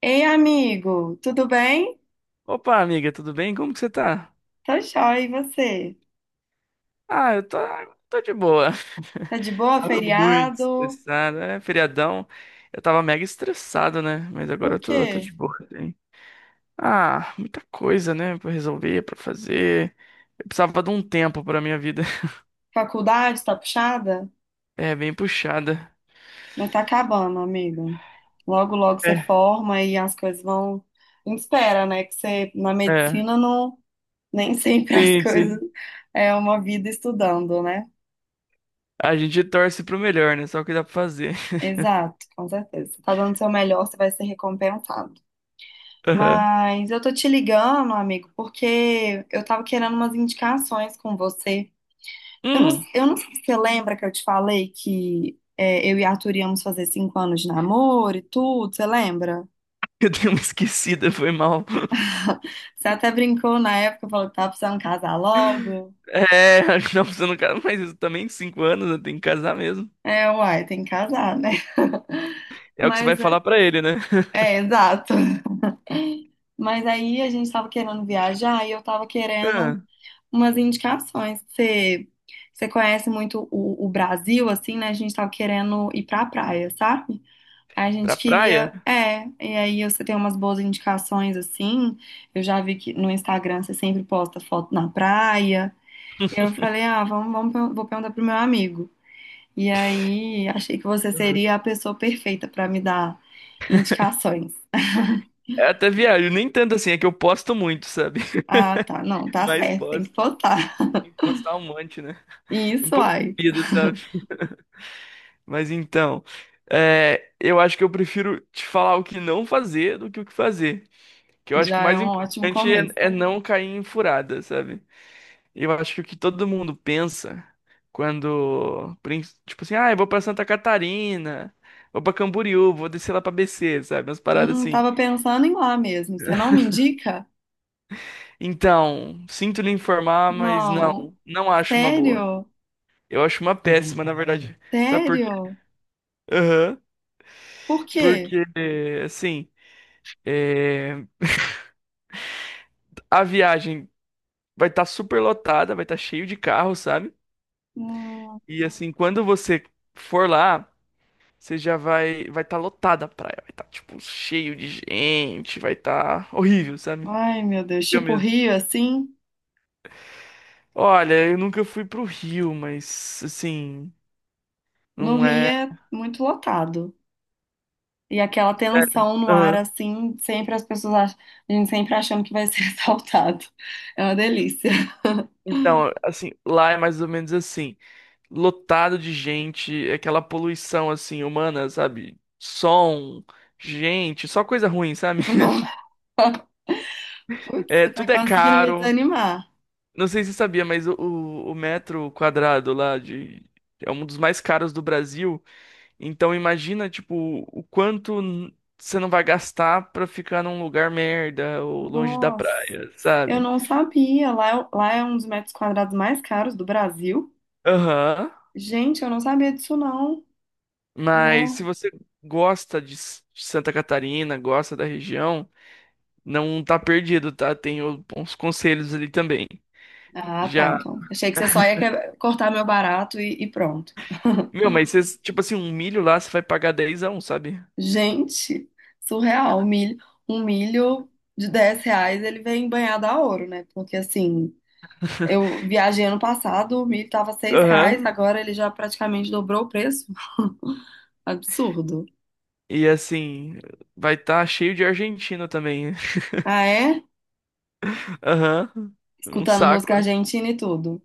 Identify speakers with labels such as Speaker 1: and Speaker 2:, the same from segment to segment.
Speaker 1: Ei, amigo, tudo bem?
Speaker 2: Opa, amiga, tudo bem? Como que você tá?
Speaker 1: Tá jóia, e você?
Speaker 2: Eu tô de boa.
Speaker 1: Tá de boa,
Speaker 2: Tava muito
Speaker 1: feriado?
Speaker 2: estressado, é feriadão. Eu tava mega estressado, né? Mas agora
Speaker 1: Por
Speaker 2: eu tô de
Speaker 1: quê?
Speaker 2: boa também. Ah, muita coisa, né? Pra resolver, pra fazer. Eu precisava de um tempo pra minha vida.
Speaker 1: Faculdade tá puxada?
Speaker 2: É, bem puxada.
Speaker 1: Mas tá acabando, amigo. Logo, logo você
Speaker 2: É,
Speaker 1: forma e as coisas vão. A gente espera, né? Que você, na
Speaker 2: é.
Speaker 1: medicina, não nem sempre as
Speaker 2: Sim,
Speaker 1: coisas
Speaker 2: sim.
Speaker 1: é uma vida estudando, né?
Speaker 2: A gente torce pro melhor, né? Só o que dá pra fazer.
Speaker 1: Exato, com certeza. Você tá dando o seu melhor, você vai ser recompensado.
Speaker 2: Aham.
Speaker 1: Mas eu tô te ligando, amigo, porque eu tava querendo umas indicações com você. Eu não,
Speaker 2: Hum,
Speaker 1: eu não sei se você lembra que eu te falei que é, eu e Arthur íamos fazer 5 anos de namoro e tudo, você lembra?
Speaker 2: eu dei uma esquecida, foi mal.
Speaker 1: Você até brincou na época, falou que tava precisando casar logo.
Speaker 2: É, acho que não, você não casa, mas isso também, cinco anos, né? Tem que casar mesmo.
Speaker 1: É, uai, tem que casar, né?
Speaker 2: É o que você vai
Speaker 1: Mas é,
Speaker 2: falar pra ele, né?
Speaker 1: é, exato. Mas aí a gente tava querendo viajar e eu tava querendo
Speaker 2: Ah,
Speaker 1: umas indicações. Você conhece muito o Brasil, assim, né? A gente tava querendo ir pra praia, sabe? A
Speaker 2: pra
Speaker 1: gente
Speaker 2: praia?
Speaker 1: queria, e aí você tem umas boas indicações assim. Eu já vi que no Instagram você sempre posta foto na praia. Eu
Speaker 2: Uhum.
Speaker 1: falei, ah, vamos, vamos, vou perguntar pro meu amigo. E aí achei que você seria a pessoa perfeita para me dar indicações.
Speaker 2: É até viajo, nem tanto assim, é que eu posto muito, sabe?
Speaker 1: Ah, tá, não, tá
Speaker 2: Mas
Speaker 1: certo, tem que
Speaker 2: posto.
Speaker 1: postar.
Speaker 2: Tem que postar um monte, né?
Speaker 1: E
Speaker 2: Um
Speaker 1: isso
Speaker 2: pouco
Speaker 1: aí,
Speaker 2: de vida, sabe? Mas então, eu acho que eu prefiro te falar o que não fazer do que o que fazer. Que eu acho que o
Speaker 1: já é
Speaker 2: mais
Speaker 1: um ótimo
Speaker 2: importante
Speaker 1: começo.
Speaker 2: é não cair em furada, sabe? Eu acho que o que todo mundo pensa quando, tipo assim, ah, eu vou pra Santa Catarina, vou pra Camboriú, vou descer lá pra BC, sabe? Umas paradas assim.
Speaker 1: Tava pensando em lá mesmo. Você não me indica?
Speaker 2: Então, sinto lhe informar, mas
Speaker 1: Não.
Speaker 2: não, não acho uma boa.
Speaker 1: Sério?
Speaker 2: Eu acho uma péssima, na verdade. Sabe por quê?
Speaker 1: Sério?
Speaker 2: Aham.
Speaker 1: Por quê?
Speaker 2: Porque, assim, é, a viagem vai estar super lotada, vai estar cheio de carro, sabe?
Speaker 1: Hum,
Speaker 2: E assim, quando você for lá. Você já vai estar lotada a praia, vai estar tipo cheio de gente, vai estar horrível, sabe?
Speaker 1: ai, meu Deus.
Speaker 2: Horrível
Speaker 1: Tipo, o
Speaker 2: mesmo.
Speaker 1: Rio, assim,
Speaker 2: Olha, eu nunca fui pro Rio, mas assim,
Speaker 1: no
Speaker 2: não
Speaker 1: Rio
Speaker 2: é.
Speaker 1: é muito lotado. E aquela
Speaker 2: É,
Speaker 1: tensão no ar,
Speaker 2: aham.
Speaker 1: assim, sempre as pessoas acham, a gente sempre achando que vai ser assaltado. É uma delícia.
Speaker 2: Então, assim, lá é mais ou menos assim, lotado de gente, aquela poluição assim humana, sabe? Som, gente, só coisa ruim, sabe?
Speaker 1: Não, putz,
Speaker 2: É,
Speaker 1: você tá
Speaker 2: tudo é
Speaker 1: conseguindo me
Speaker 2: caro.
Speaker 1: desanimar.
Speaker 2: Não sei se você sabia, mas o metro quadrado lá de é um dos mais caros do Brasil. Então imagina, tipo, o quanto você não vai gastar pra ficar num lugar merda ou longe da
Speaker 1: Nossa,
Speaker 2: praia,
Speaker 1: eu
Speaker 2: sabe?
Speaker 1: não sabia. Lá, lá é um dos metros quadrados mais caros do Brasil.
Speaker 2: Aham.
Speaker 1: Gente, eu não sabia disso, não.
Speaker 2: Mas se
Speaker 1: Não.
Speaker 2: você gosta de de Santa Catarina, gosta da região, não tá perdido, tá? Tem uns conselhos ali também.
Speaker 1: Ah, tá,
Speaker 2: Já.
Speaker 1: então. Achei que você só ia cortar meu barato e pronto.
Speaker 2: Meu, mas cês, tipo assim, um milho lá você vai pagar dez a um, sabe?
Speaker 1: Gente, surreal. Um milho de R$ 10, ele vem banhado a ouro, né? Porque assim, eu viajei ano passado, o milho tava R$ 6,
Speaker 2: Aham.
Speaker 1: agora ele já praticamente dobrou o preço. Absurdo.
Speaker 2: E assim, vai estar cheio de argentino também.
Speaker 1: Ah, é?
Speaker 2: Aham. Um
Speaker 1: Escutando música
Speaker 2: saco, né?
Speaker 1: argentina e tudo.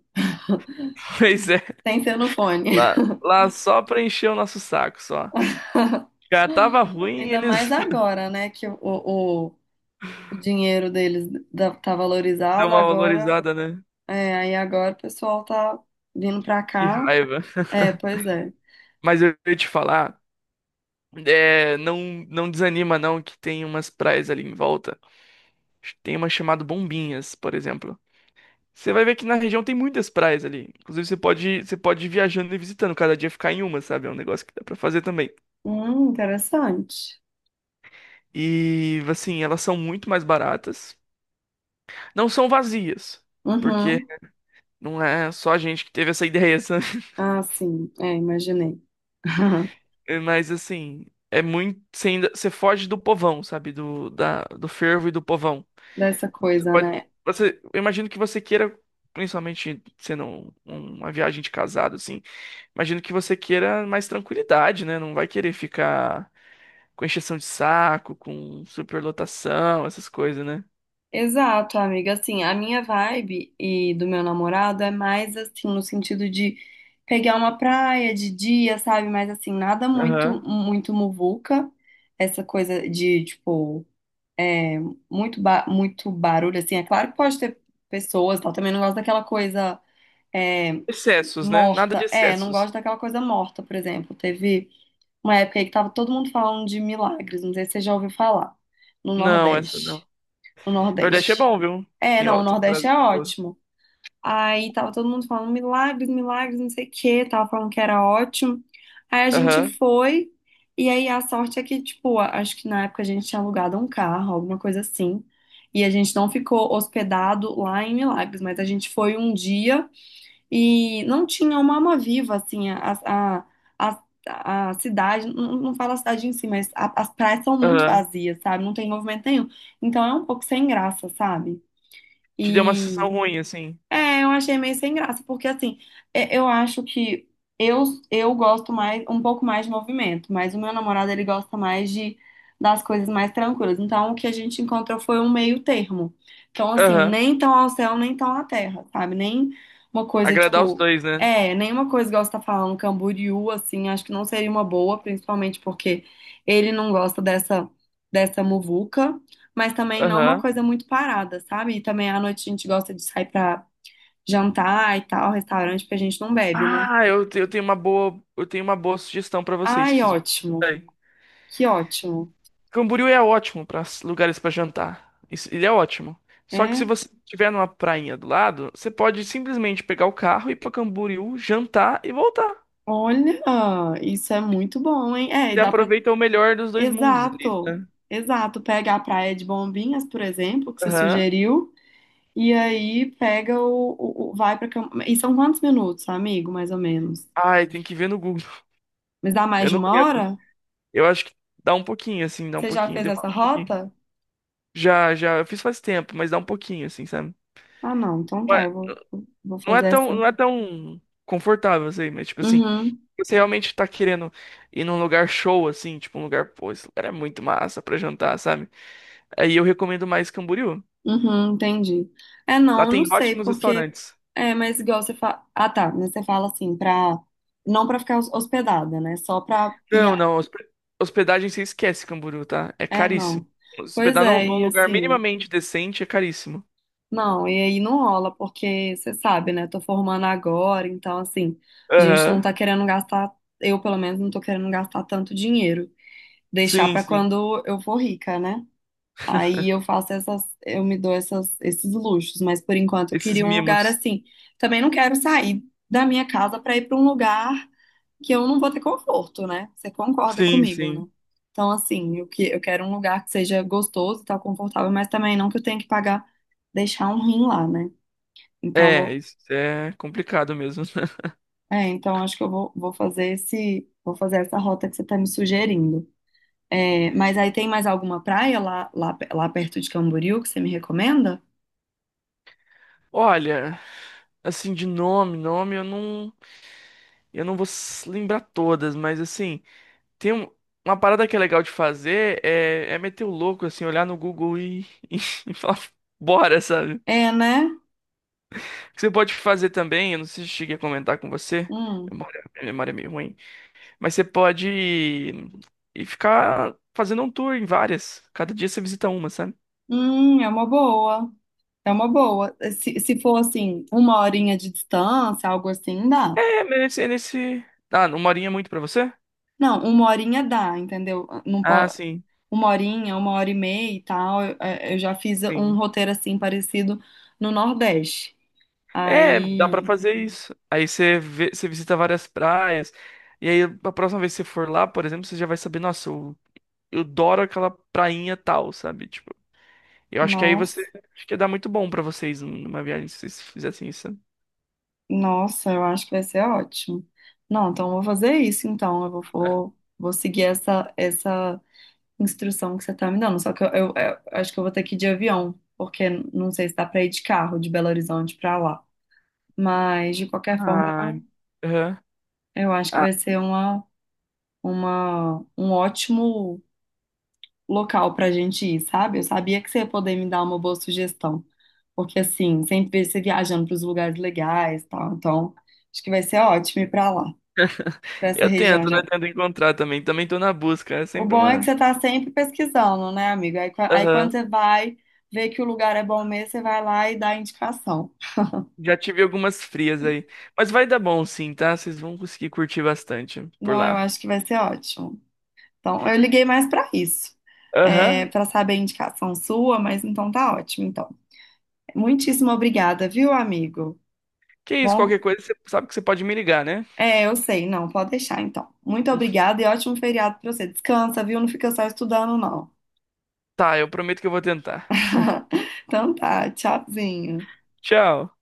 Speaker 2: Pois é.
Speaker 1: Sem ser no fone.
Speaker 2: Lá, lá só pra encher o nosso saco, só. Já tava ruim e
Speaker 1: Ainda
Speaker 2: eles
Speaker 1: mais agora, né? Que o dinheiro deles tá
Speaker 2: deu
Speaker 1: valorizado
Speaker 2: uma
Speaker 1: agora.
Speaker 2: valorizada, né?
Speaker 1: É, aí agora o pessoal tá vindo pra
Speaker 2: Que
Speaker 1: cá.
Speaker 2: raiva.
Speaker 1: É, pois é.
Speaker 2: Mas eu ia te falar, não, não desanima não que tem umas praias ali em volta. Tem uma chamada Bombinhas, por exemplo. Você vai ver que na região tem muitas praias ali. Inclusive você pode ir viajando e visitando, cada dia ficar em uma, sabe? É um negócio que dá pra fazer também.
Speaker 1: Interessante.
Speaker 2: E assim, elas são muito mais baratas. Não são vazias, porque
Speaker 1: Uhum.
Speaker 2: não é só a gente que teve essa ideia, sabe?
Speaker 1: Ah, sim. É, imaginei.
Speaker 2: É, mas assim, é muito. Você ainda, você foge do povão, sabe? Do fervo e do povão.
Speaker 1: Dessa
Speaker 2: Você
Speaker 1: coisa,
Speaker 2: pode.
Speaker 1: né?
Speaker 2: Você, eu imagino que você queira, principalmente sendo uma viagem de casado, assim, imagino que você queira mais tranquilidade, né? Não vai querer ficar com encheção de saco, com superlotação, essas coisas, né?
Speaker 1: Exato, amiga. Assim, a minha vibe e do meu namorado é mais assim, no sentido de pegar uma praia de dia, sabe? Mas assim, nada muito,
Speaker 2: Aham.
Speaker 1: muito muvuca. Essa coisa de, tipo, é, muito, ba muito barulho, assim. É claro que pode ter pessoas, tal. Também não gosto daquela coisa é,
Speaker 2: Excessos, né? Nada de
Speaker 1: morta. É, não
Speaker 2: excessos.
Speaker 1: gosto daquela coisa morta, por exemplo. Teve. Uma época aí que tava todo mundo falando de milagres, não sei se você já ouviu falar, no
Speaker 2: Não, essa
Speaker 1: Nordeste.
Speaker 2: não.
Speaker 1: No
Speaker 2: Nordeste é
Speaker 1: Nordeste.
Speaker 2: bom, viu?
Speaker 1: É,
Speaker 2: Tem,
Speaker 1: não, o
Speaker 2: ó, tem
Speaker 1: Nordeste
Speaker 2: prazer.
Speaker 1: é
Speaker 2: De boa.
Speaker 1: ótimo. Aí tava todo mundo falando milagres, milagres, não sei o quê, tava falando que era ótimo. Aí a gente
Speaker 2: Aham,
Speaker 1: foi, e aí a sorte é que, tipo, acho que na época a gente tinha alugado um carro, alguma coisa assim. E a gente não ficou hospedado lá em Milagres, mas a gente foi um dia. E não tinha uma alma viva, assim, a, a cidade, não, não falo a cidade em si, mas as praias são muito
Speaker 2: aham.
Speaker 1: vazias, sabe? Não tem movimento nenhum. Então é um pouco sem graça, sabe?
Speaker 2: Te deu uma sensação ruim, assim.
Speaker 1: É, eu achei meio sem graça, porque assim, eu acho que eu, eu gosto mais, um pouco mais de movimento, mas o meu namorado, ele gosta mais das coisas mais tranquilas. Então, o que a gente encontrou foi um meio termo. Então, assim,
Speaker 2: Aham.
Speaker 1: nem tão ao céu, nem tão à terra, sabe? Nem uma coisa,
Speaker 2: Agradar os
Speaker 1: tipo,
Speaker 2: dois, né?
Speaker 1: nenhuma coisa igual você tá falando, Camboriú, assim, acho que não seria uma boa, principalmente porque ele não gosta dessa muvuca. Mas também não uma
Speaker 2: Aham.
Speaker 1: coisa muito parada, sabe? E também à noite a gente gosta de sair pra jantar e tal, restaurante, porque a gente não bebe, né?
Speaker 2: Ah, eu, eu tenho uma boa, eu tenho uma boa sugestão pra vocês, se
Speaker 1: Ai,
Speaker 2: vocês
Speaker 1: ótimo.
Speaker 2: gostarem.
Speaker 1: Que ótimo.
Speaker 2: Camboriú é ótimo para lugares pra jantar. Isso- ele é ótimo. Só que se
Speaker 1: É.
Speaker 2: você estiver numa prainha do lado, você pode simplesmente pegar o carro e ir pra Camboriú, jantar e voltar.
Speaker 1: Olha, isso é muito bom, hein? É, e
Speaker 2: Você
Speaker 1: dá pra.
Speaker 2: aproveita o melhor dos dois mundos ali,
Speaker 1: Exato.
Speaker 2: né?
Speaker 1: Exato. Pega a praia de Bombinhas, por exemplo, que você
Speaker 2: Aham.
Speaker 1: sugeriu, e aí pega o. E são quantos minutos, amigo, mais ou menos?
Speaker 2: Ai, tem que ver no Google.
Speaker 1: Mas dá mais
Speaker 2: Eu
Speaker 1: de
Speaker 2: não
Speaker 1: uma
Speaker 2: lembro.
Speaker 1: hora?
Speaker 2: Eu acho que dá um pouquinho, assim, dá um
Speaker 1: Você já
Speaker 2: pouquinho,
Speaker 1: fez essa
Speaker 2: demora um pouquinho.
Speaker 1: rota?
Speaker 2: Já, já, eu fiz faz tempo, mas dá um pouquinho, assim, sabe?
Speaker 1: Ah, não. Então tá, eu vou
Speaker 2: Não é
Speaker 1: fazer
Speaker 2: tão,
Speaker 1: essa.
Speaker 2: não é tão confortável, assim, mas tipo assim,
Speaker 1: Uhum.
Speaker 2: você realmente tá querendo ir num lugar show, assim, tipo um lugar, pô, esse lugar é muito massa pra jantar, sabe? Aí eu recomendo mais Camboriú.
Speaker 1: Uhum, entendi. É, não,
Speaker 2: Lá
Speaker 1: eu não
Speaker 2: tem
Speaker 1: sei,
Speaker 2: ótimos
Speaker 1: porque.
Speaker 2: restaurantes.
Speaker 1: É, mas igual você fala. Ah, tá, mas você fala assim, pra. Não pra ficar hospedada, né? Só pra ir.
Speaker 2: Não, não, hospedagem você esquece Camboriú, tá? É
Speaker 1: É,
Speaker 2: caríssimo.
Speaker 1: não. Pois
Speaker 2: Hospedar
Speaker 1: é,
Speaker 2: num
Speaker 1: e
Speaker 2: lugar
Speaker 1: assim.
Speaker 2: minimamente decente é caríssimo.
Speaker 1: Não, e aí não rola, porque você sabe, né? Tô formando agora, então, assim. A gente não
Speaker 2: Aham.
Speaker 1: tá querendo gastar. Eu, pelo menos, não tô querendo gastar tanto dinheiro. Deixar
Speaker 2: Sim,
Speaker 1: pra
Speaker 2: sim.
Speaker 1: quando eu for rica, né? Aí eu faço essas, eu me dou essas, esses luxos, mas por enquanto eu
Speaker 2: Esses
Speaker 1: queria um lugar
Speaker 2: mimos.
Speaker 1: assim. Também não quero sair da minha casa para ir para um lugar que eu não vou ter conforto, né? Você concorda
Speaker 2: Sim,
Speaker 1: comigo,
Speaker 2: sim.
Speaker 1: né? Então, assim, eu, eu quero um lugar que seja gostoso e tal, confortável, mas também não que eu tenha que pagar, deixar um rim lá, né? Então,
Speaker 2: É, isso é complicado mesmo.
Speaker 1: então acho que eu vou fazer essa rota que você tá me sugerindo. É, mas aí tem mais alguma praia lá perto de Camboriú que você me recomenda?
Speaker 2: Olha, assim, de nome, nome eu não. Eu não vou lembrar todas, mas assim, tem uma parada que é legal de fazer é meter o louco, assim, olhar no Google e, e, falar, bora, sabe? O
Speaker 1: É, né?
Speaker 2: que você pode fazer também, eu não sei se eu cheguei a comentar com você,
Speaker 1: Hum,
Speaker 2: memória, minha memória é meio ruim, mas você pode ir, ir ficar fazendo um tour em várias. Cada dia você visita uma, sabe?
Speaker 1: é uma boa. É uma boa. Se for assim, uma horinha de distância, algo assim, dá.
Speaker 2: É, mas é nesse. Ah, uma horinha é muito pra você?
Speaker 1: Não, uma horinha dá, entendeu? Não
Speaker 2: Ah,
Speaker 1: pode,
Speaker 2: sim.
Speaker 1: uma horinha, 1 hora e meia e tal. Eu já fiz um
Speaker 2: Sim.
Speaker 1: roteiro assim parecido no Nordeste.
Speaker 2: É, dá pra
Speaker 1: Aí,
Speaker 2: fazer isso. Aí você você visita várias praias. E aí, a próxima vez que você for lá, por exemplo, você já vai saber, nossa, eu adoro aquela prainha tal, sabe? Tipo, eu acho que aí você.
Speaker 1: nossa,
Speaker 2: Acho que ia dar muito bom pra vocês numa viagem se vocês fizessem isso. Sabe?
Speaker 1: nossa, eu acho que vai ser ótimo. Não, então eu vou fazer isso então. Eu vou seguir essa instrução que você tá me dando. Só que eu acho que eu vou ter que ir de avião, porque não sei se dá pra ir de carro de Belo Horizonte pra lá. Mas, de qualquer forma,
Speaker 2: Ai, aham.
Speaker 1: eu acho que
Speaker 2: Ah,
Speaker 1: vai ser um ótimo local pra gente ir, sabe? Eu sabia que você ia poder me dar uma boa sugestão. Porque, assim, sempre você viajando pros lugares legais e tal. Então, acho que vai ser ótimo ir pra lá, pra essa
Speaker 2: eu
Speaker 1: região.
Speaker 2: tento, né?
Speaker 1: Já,
Speaker 2: Tento encontrar também. Também tô na busca. É
Speaker 1: o
Speaker 2: sempre
Speaker 1: bom é que
Speaker 2: uma.
Speaker 1: você tá sempre pesquisando, né, amiga? Aí, quando
Speaker 2: Aham.
Speaker 1: você vai ver que o lugar é bom mesmo, você vai lá e dá a indicação.
Speaker 2: Já tive algumas frias aí. Mas vai dar bom sim, tá? Vocês vão conseguir curtir bastante por
Speaker 1: Não, eu
Speaker 2: lá.
Speaker 1: acho que vai ser ótimo. Então, eu liguei mais pra isso,
Speaker 2: Aham.
Speaker 1: para saber a indicação sua, mas então tá ótimo, então. Muitíssimo obrigada, viu, amigo?
Speaker 2: Que isso,
Speaker 1: Bom,
Speaker 2: qualquer coisa, você sabe que você pode me ligar, né?
Speaker 1: eu sei, não, pode deixar, então. Muito obrigada e ótimo feriado pra você. Descansa, viu? Não fica só estudando, não.
Speaker 2: Tá, eu prometo que eu vou tentar.
Speaker 1: Então tá, tchauzinho.
Speaker 2: Tchau.